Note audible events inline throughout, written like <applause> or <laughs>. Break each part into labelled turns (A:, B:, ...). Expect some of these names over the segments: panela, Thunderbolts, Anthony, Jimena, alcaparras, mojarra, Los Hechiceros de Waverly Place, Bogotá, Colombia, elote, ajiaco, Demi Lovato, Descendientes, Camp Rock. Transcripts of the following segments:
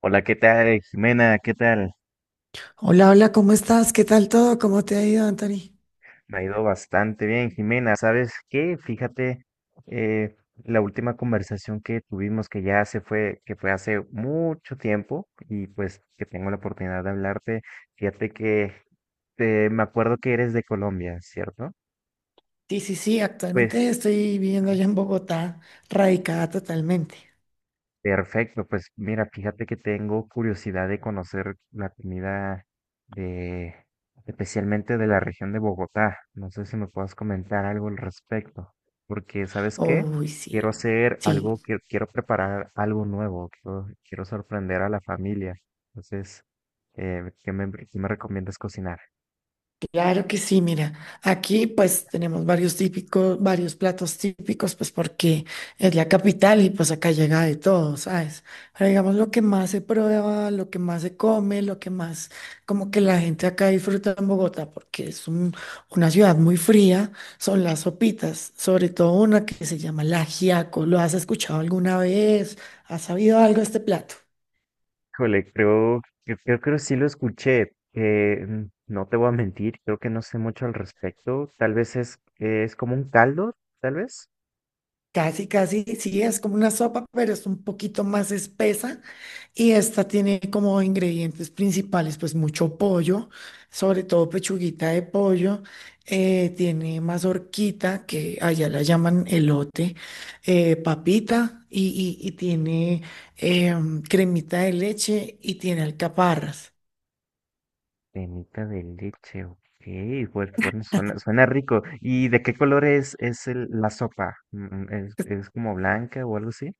A: Hola, ¿qué tal, Jimena? ¿Qué tal?
B: Hola, hola, ¿cómo estás? ¿Qué tal todo? ¿Cómo te ha ido, Anthony?
A: Me ha ido bastante bien, Jimena. ¿Sabes qué? Fíjate, eh, la última conversación que tuvimos, que ya se fue, que fue hace mucho tiempo, y pues que tengo la oportunidad de hablarte, fíjate que me acuerdo que eres de Colombia, ¿cierto?
B: Sí, sí, sí,
A: Pues
B: actualmente estoy viviendo allá en Bogotá, radicada totalmente.
A: perfecto, pues mira, fíjate que tengo curiosidad de conocer la comida de, especialmente de la región de Bogotá. No sé si me puedas comentar algo al respecto, porque ¿sabes qué?
B: Uy, sí,
A: Quiero hacer
B: sí.
A: algo, que quiero preparar algo nuevo, quiero sorprender a la familia. Entonces, ¿qué me recomiendas cocinar?
B: Claro que sí, mira, aquí pues tenemos varios platos típicos, pues porque es la capital y pues acá llega de todo, ¿sabes? Pero digamos lo que más se prueba, lo que más se come, lo que más como que la gente acá disfruta en Bogotá, porque es una ciudad muy fría, son las sopitas, sobre todo una que se llama el ajiaco. ¿Lo has escuchado alguna vez? ¿Has sabido algo de este plato?
A: Híjole, creo que sí lo escuché. No te voy a mentir, creo que no sé mucho al respecto. Tal vez es como un caldo, tal vez.
B: Casi, casi, sí, es como una sopa, pero es un poquito más espesa. Y esta tiene como ingredientes principales, pues mucho pollo, sobre todo pechuguita de pollo, tiene mazorquita, que allá la llaman elote, papita y tiene cremita de leche y tiene alcaparras.
A: Cremita de leche, ok. Pues bueno, suena rico. ¿Y de qué color es la sopa? Mm, mm, es como blanca o algo así?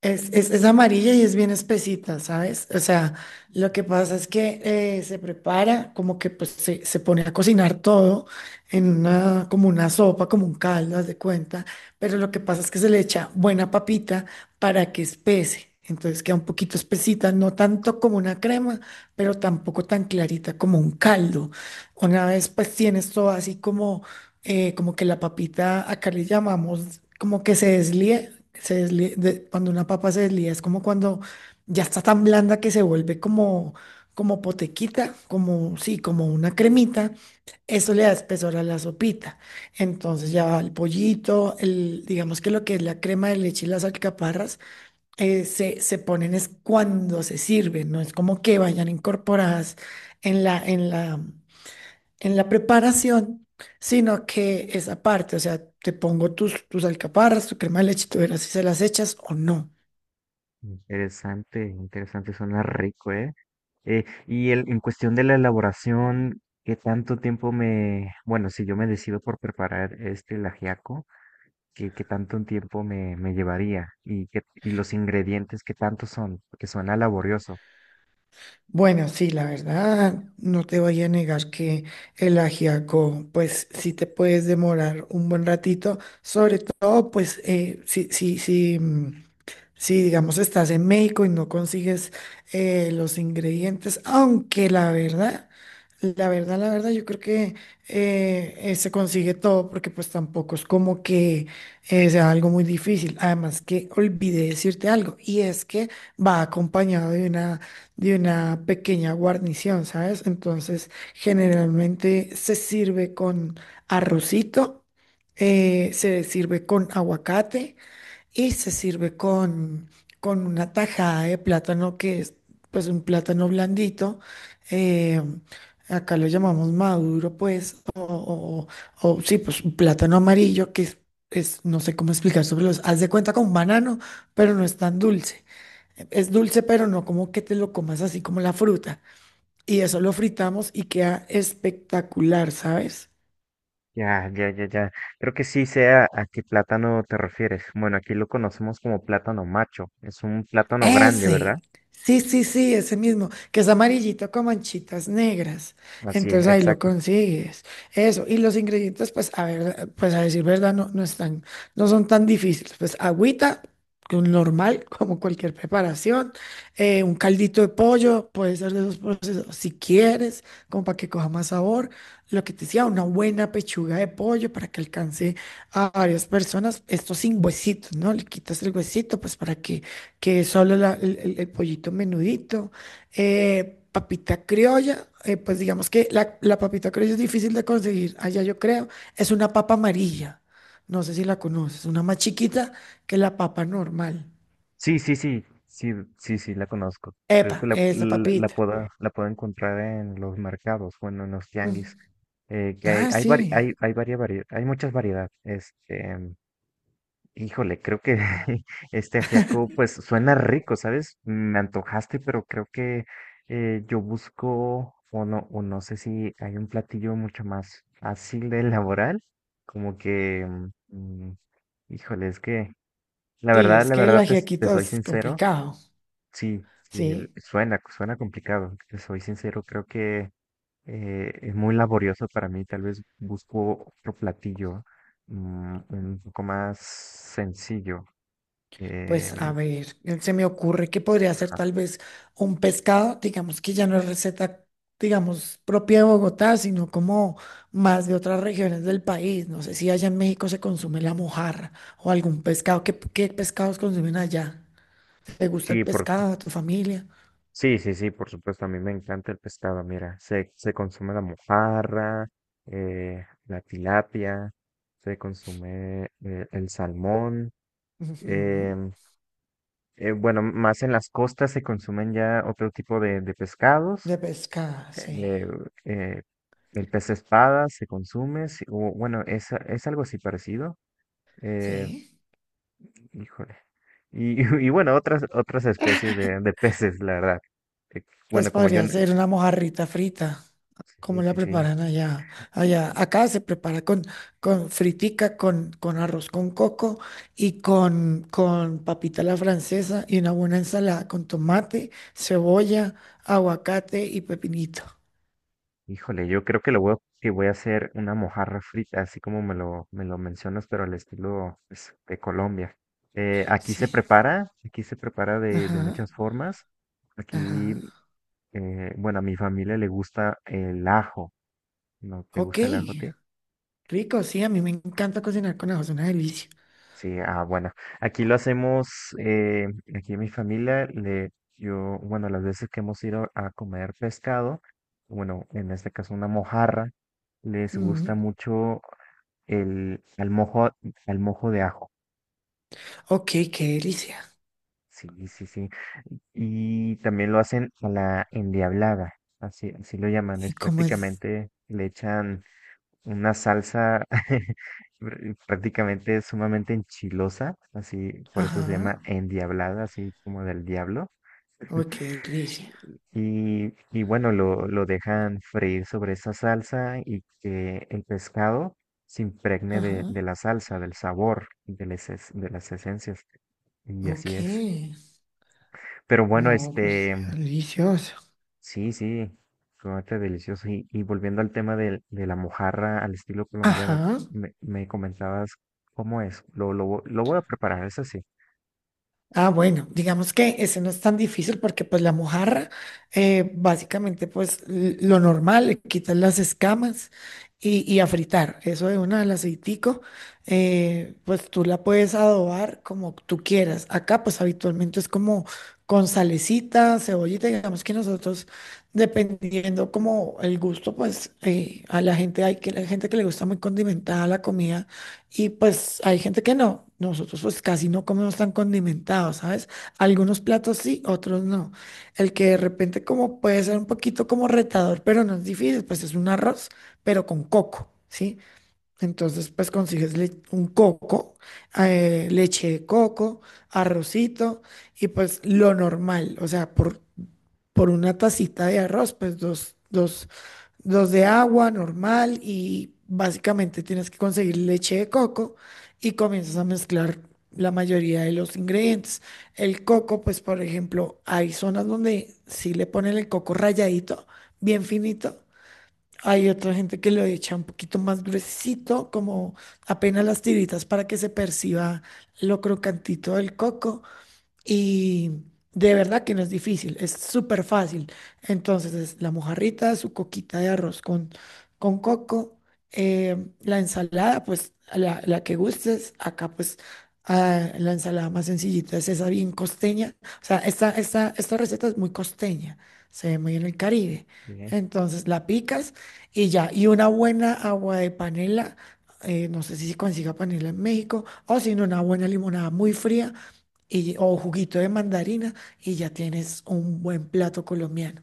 B: Es amarilla y es bien espesita, ¿sabes? O sea, lo que pasa es que se prepara, como que pues se pone a cocinar todo en una, como una sopa, como un caldo, haz de cuenta, pero lo que pasa es que se le echa buena papita para que espese, entonces queda un poquito espesita, no tanto como una crema, pero tampoco tan clarita como un caldo. Una vez pues tienes todo así como como que la papita, acá le llamamos como que se deslíe, cuando una papa se deslía es como cuando ya está tan blanda que se vuelve como, como potequita, como, sí, como una cremita, eso le da espesor a la sopita. Entonces ya va el pollito, digamos que lo que es la crema de leche y las alcaparras, se ponen es cuando se sirven, no es como que vayan incorporadas en la, en la en la preparación, sino que esa parte, o sea, te pongo tus alcaparras, tu crema de leche, tú verás si se las echas o no.
A: Interesante, suena rico, ¿eh? ¿Y el, en cuestión de la elaboración, qué tanto tiempo me... Bueno, si yo me decido por preparar este el ajiaco, qué tanto un tiempo me llevaría y, qué, y los ingredientes qué tanto son, porque suena laborioso.
B: Bueno, sí, la verdad, no te voy a negar que el ajiaco, pues sí te puedes demorar un buen ratito, sobre todo, pues si, digamos, estás en México y no consigues los ingredientes, aunque la verdad, yo creo que se consigue todo porque pues tampoco es como que sea algo muy difícil. Además que olvidé decirte algo y es que va acompañado de una pequeña guarnición, ¿sabes? Entonces, generalmente se sirve con arrocito, se sirve con aguacate y se sirve con una tajada de plátano que es pues un plátano blandito. eh, Acá lo llamamos maduro, pues, o, sí, pues un plátano amarillo que es, no sé cómo explicar sobre los, haz de cuenta con un banano, pero no es tan dulce. Es dulce, pero no como que te lo comas así como la fruta. Y eso lo fritamos y queda espectacular, ¿sabes?
A: Ya, ya, ya, ya. Creo que sí sé a qué plátano te refieres. Bueno, aquí lo conocemos como plátano macho. Es un plátano grande, ¿verdad?
B: Ese. Sí, sí, sí, ese mismo, que es amarillito con manchitas negras.
A: Así
B: Entonces
A: es,
B: ahí lo
A: exacto.
B: consigues. Eso. Y los ingredientes, pues, a ver, pues a decir verdad, no, no están, no son tan difíciles. Pues agüita, que un normal, <laughs> como cualquier preparación. Un caldito de pollo, puede ser de esos procesos, si quieres, como para que coja más sabor. Lo que te decía, una buena pechuga de pollo para que alcance a varias personas. Esto sin huesitos, ¿no? Le quitas el huesito, pues para que es solo el pollito menudito, papita criolla, pues digamos que la papita criolla es difícil de conseguir allá yo creo, es una papa amarilla, no sé si la conoces, una más chiquita que la papa normal.
A: Sí, sí, sí, sí, sí, sí, la conozco. Creo que
B: Epa, esa papita.
A: la puedo encontrar en los mercados, bueno, en los tianguis.
B: Mm.
A: Que hay,
B: Ah,
A: hay, vari- hay,
B: sí,
A: hay, varia- varie- hay muchas variedades. Este, híjole, creo que <laughs> este ajiaco pues suena rico, ¿sabes? Me antojaste, pero creo que yo busco o no sé si hay un platillo mucho más fácil de elaborar, como que, mm, mm, híjole, es que
B: sí, es
A: la
B: que el
A: verdad te, te
B: ajiaquito
A: soy
B: es
A: sincero,
B: complicado,
A: sí, sí,
B: sí.
A: suena, suena complicado, te soy sincero, creo que es muy laborioso para mí, tal vez busco otro platillo mm, un poco más sencillo.
B: Pues
A: Em,
B: a ver, se me ocurre que podría ser
A: ajá.
B: tal vez un pescado, digamos que ya no es receta, digamos, propia de Bogotá, sino como más de otras regiones del país. No sé si allá en México se consume la mojarra o algún pescado. ¿Qué pescados consumen allá? ¿Te gusta el
A: Sí, por,
B: pescado a tu familia?
A: sí, sí, sí, por supuesto, a mí me encanta el pescado, mira, se consume la mojarra, la tilapia, se consume el salmón,
B: Ujú.
A: em, bueno, más en las costas se consumen ya otro tipo de pescados,
B: De pescado, sí.
A: eh, eh, el pez espada se consume, sí, o, bueno, es algo así parecido, eh,
B: Sí.
A: híjole. Y <laughs> y bueno, otras especies de peces, la verdad. Eh,
B: Pues
A: Bueno, como yo...
B: podría ser una mojarrita frita. ¿Cómo
A: Sí,
B: la
A: sí, sí.
B: preparan allá? Allá, acá se prepara con fritica, con arroz con coco y con papita a la francesa y una buena ensalada con tomate, cebolla, aguacate y pepinito.
A: Híjole, yo creo que lo voy a, que voy a hacer una mojarra frita, así como me lo mencionas, pero al estilo pues, de Colombia.
B: Sí.
A: Aquí se prepara de
B: Ajá,
A: muchas formas. Aquí,
B: ajá.
A: bueno, a mi familia le gusta el ajo. ¿No te
B: Ok,
A: gusta el ajo a ti?
B: rico, sí, a mí me encanta cocinar con ajo, es una delicia.
A: Sí, ah, bueno, aquí lo hacemos, eh, aquí en mi familia, le, yo, bueno, las veces que hemos ido a comer pescado, bueno, en este caso una mojarra, les gusta
B: Mm.
A: mucho el, al mojo de ajo,
B: Ok, qué delicia.
A: sí, sí, sí, y también lo hacen a la endiablada, así lo llaman,
B: ¿Y
A: es
B: cómo es?
A: prácticamente, le echan una salsa <laughs> prácticamente sumamente enchilosa, así, por eso se
B: Ajá,
A: llama endiablada, así como del diablo.
B: ok, qué delicia.
A: Y bueno, lo dejan freír sobre esa salsa y que el pescado se impregne
B: Ajá,
A: de la salsa, del sabor, de las, de las esencias. Y así es.
B: ok.
A: Pero bueno,
B: No, pues
A: este,
B: qué delicioso.
A: sí, sí, chocolate delicioso. Y volviendo al tema de la mojarra al estilo colombiano,
B: Ajá.
A: me comentabas cómo es. Lo voy a preparar, eso sí.
B: Ah, bueno, digamos que ese no es tan difícil porque pues la mojarra, básicamente pues lo normal, le quitas las escamas y a fritar. Eso de una al aceitico, pues tú la puedes adobar como tú quieras. Acá pues habitualmente es como con salecita, cebollita, digamos que nosotros dependiendo como el gusto pues a la gente, hay que la gente que le gusta muy condimentada la comida. Y pues hay gente que no. Nosotros pues casi no comemos tan condimentado, ¿sabes? Algunos platos sí, otros no. El que de repente como puede ser un poquito como retador, pero no es difícil, pues es un arroz, pero con coco, ¿sí? Entonces pues consigues un coco, leche de coco, arrocito y pues lo normal, o sea, por, una tacita de arroz, pues dos de agua normal y básicamente tienes que conseguir leche de coco y comienzas a mezclar la mayoría de los ingredientes. El coco, pues por ejemplo, hay zonas donde sí le ponen el coco ralladito, bien finito. Hay otra gente que lo echa un poquito más gruesito, como apenas las tiritas para que se perciba lo crocantito del coco. Y de verdad que no es difícil, es súper fácil. Entonces, es la mojarrita, su coquita de arroz con coco, la ensalada, pues a la que gustes. Acá, pues la ensalada más sencillita es esa bien costeña. O sea, esta receta es muy costeña, se ve muy en el Caribe.
A: Bien.
B: Entonces, la picas y ya. Y una buena agua de panela. No sé si se consiga panela en México o si no, una buena limonada muy fría y, o juguito de mandarina y ya tienes un buen plato colombiano.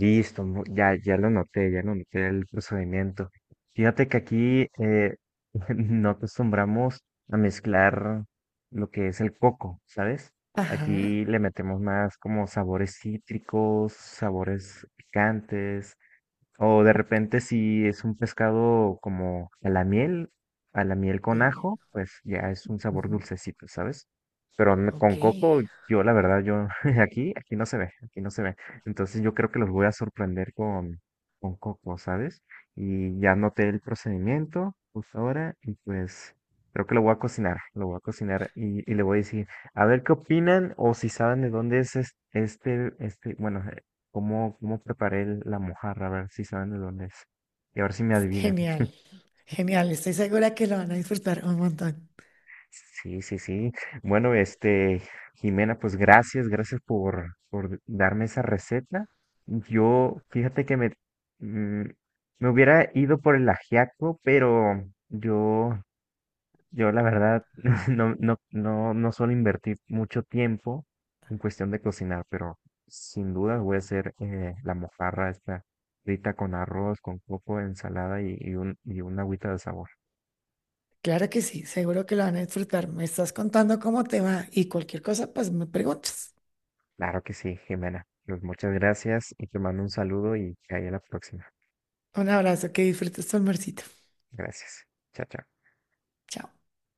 A: Listo, ya, ya lo noté el procedimiento. Fíjate que aquí <laughs> no acostumbramos a mezclar lo que es el coco, ¿sabes?
B: Ajá.
A: Aquí le metemos más como sabores cítricos, sabores picantes, o de repente si es un pescado como a la miel con
B: Sí.
A: ajo, pues ya es un sabor
B: Ujú.
A: dulcecito, ¿sabes? Pero con
B: Ok.
A: coco, yo la verdad, yo <laughs> aquí, aquí no se ve, aquí no se ve. Entonces yo creo que los voy a sorprender con coco, ¿sabes? Y ya noté el procedimiento justo ahora y pues creo que lo voy a cocinar, lo voy a cocinar y le voy a decir, a ver qué opinan o si saben de dónde este, bueno, cómo preparé la mojarra, a ver si saben de dónde es. Y a ver si me adivinan.
B: Genial. Genial. Estoy segura que lo van a disfrutar un montón.
A: Sí, sí, sí. Bueno, este, Jimena, pues gracias, gracias por darme esa receta. Yo, fíjate que me, mm, me hubiera ido por el ajiaco, pero yo yo la verdad <laughs> no, no, no, no suelo invertir mucho tiempo en cuestión de cocinar, pero sin duda voy a hacer la mojarra esta frita con arroz, con coco, ensalada y, y una agüita de sabor.
B: Claro que sí, seguro que lo van a disfrutar. Me estás contando cómo te va y cualquier cosa, pues me preguntas.
A: Claro que sí, Jimena. Pues muchas gracias y te mando un saludo y que haya la próxima.
B: Un abrazo, que disfrutes tu almuercito.
A: Gracias. Chao, chao.
B: Chao.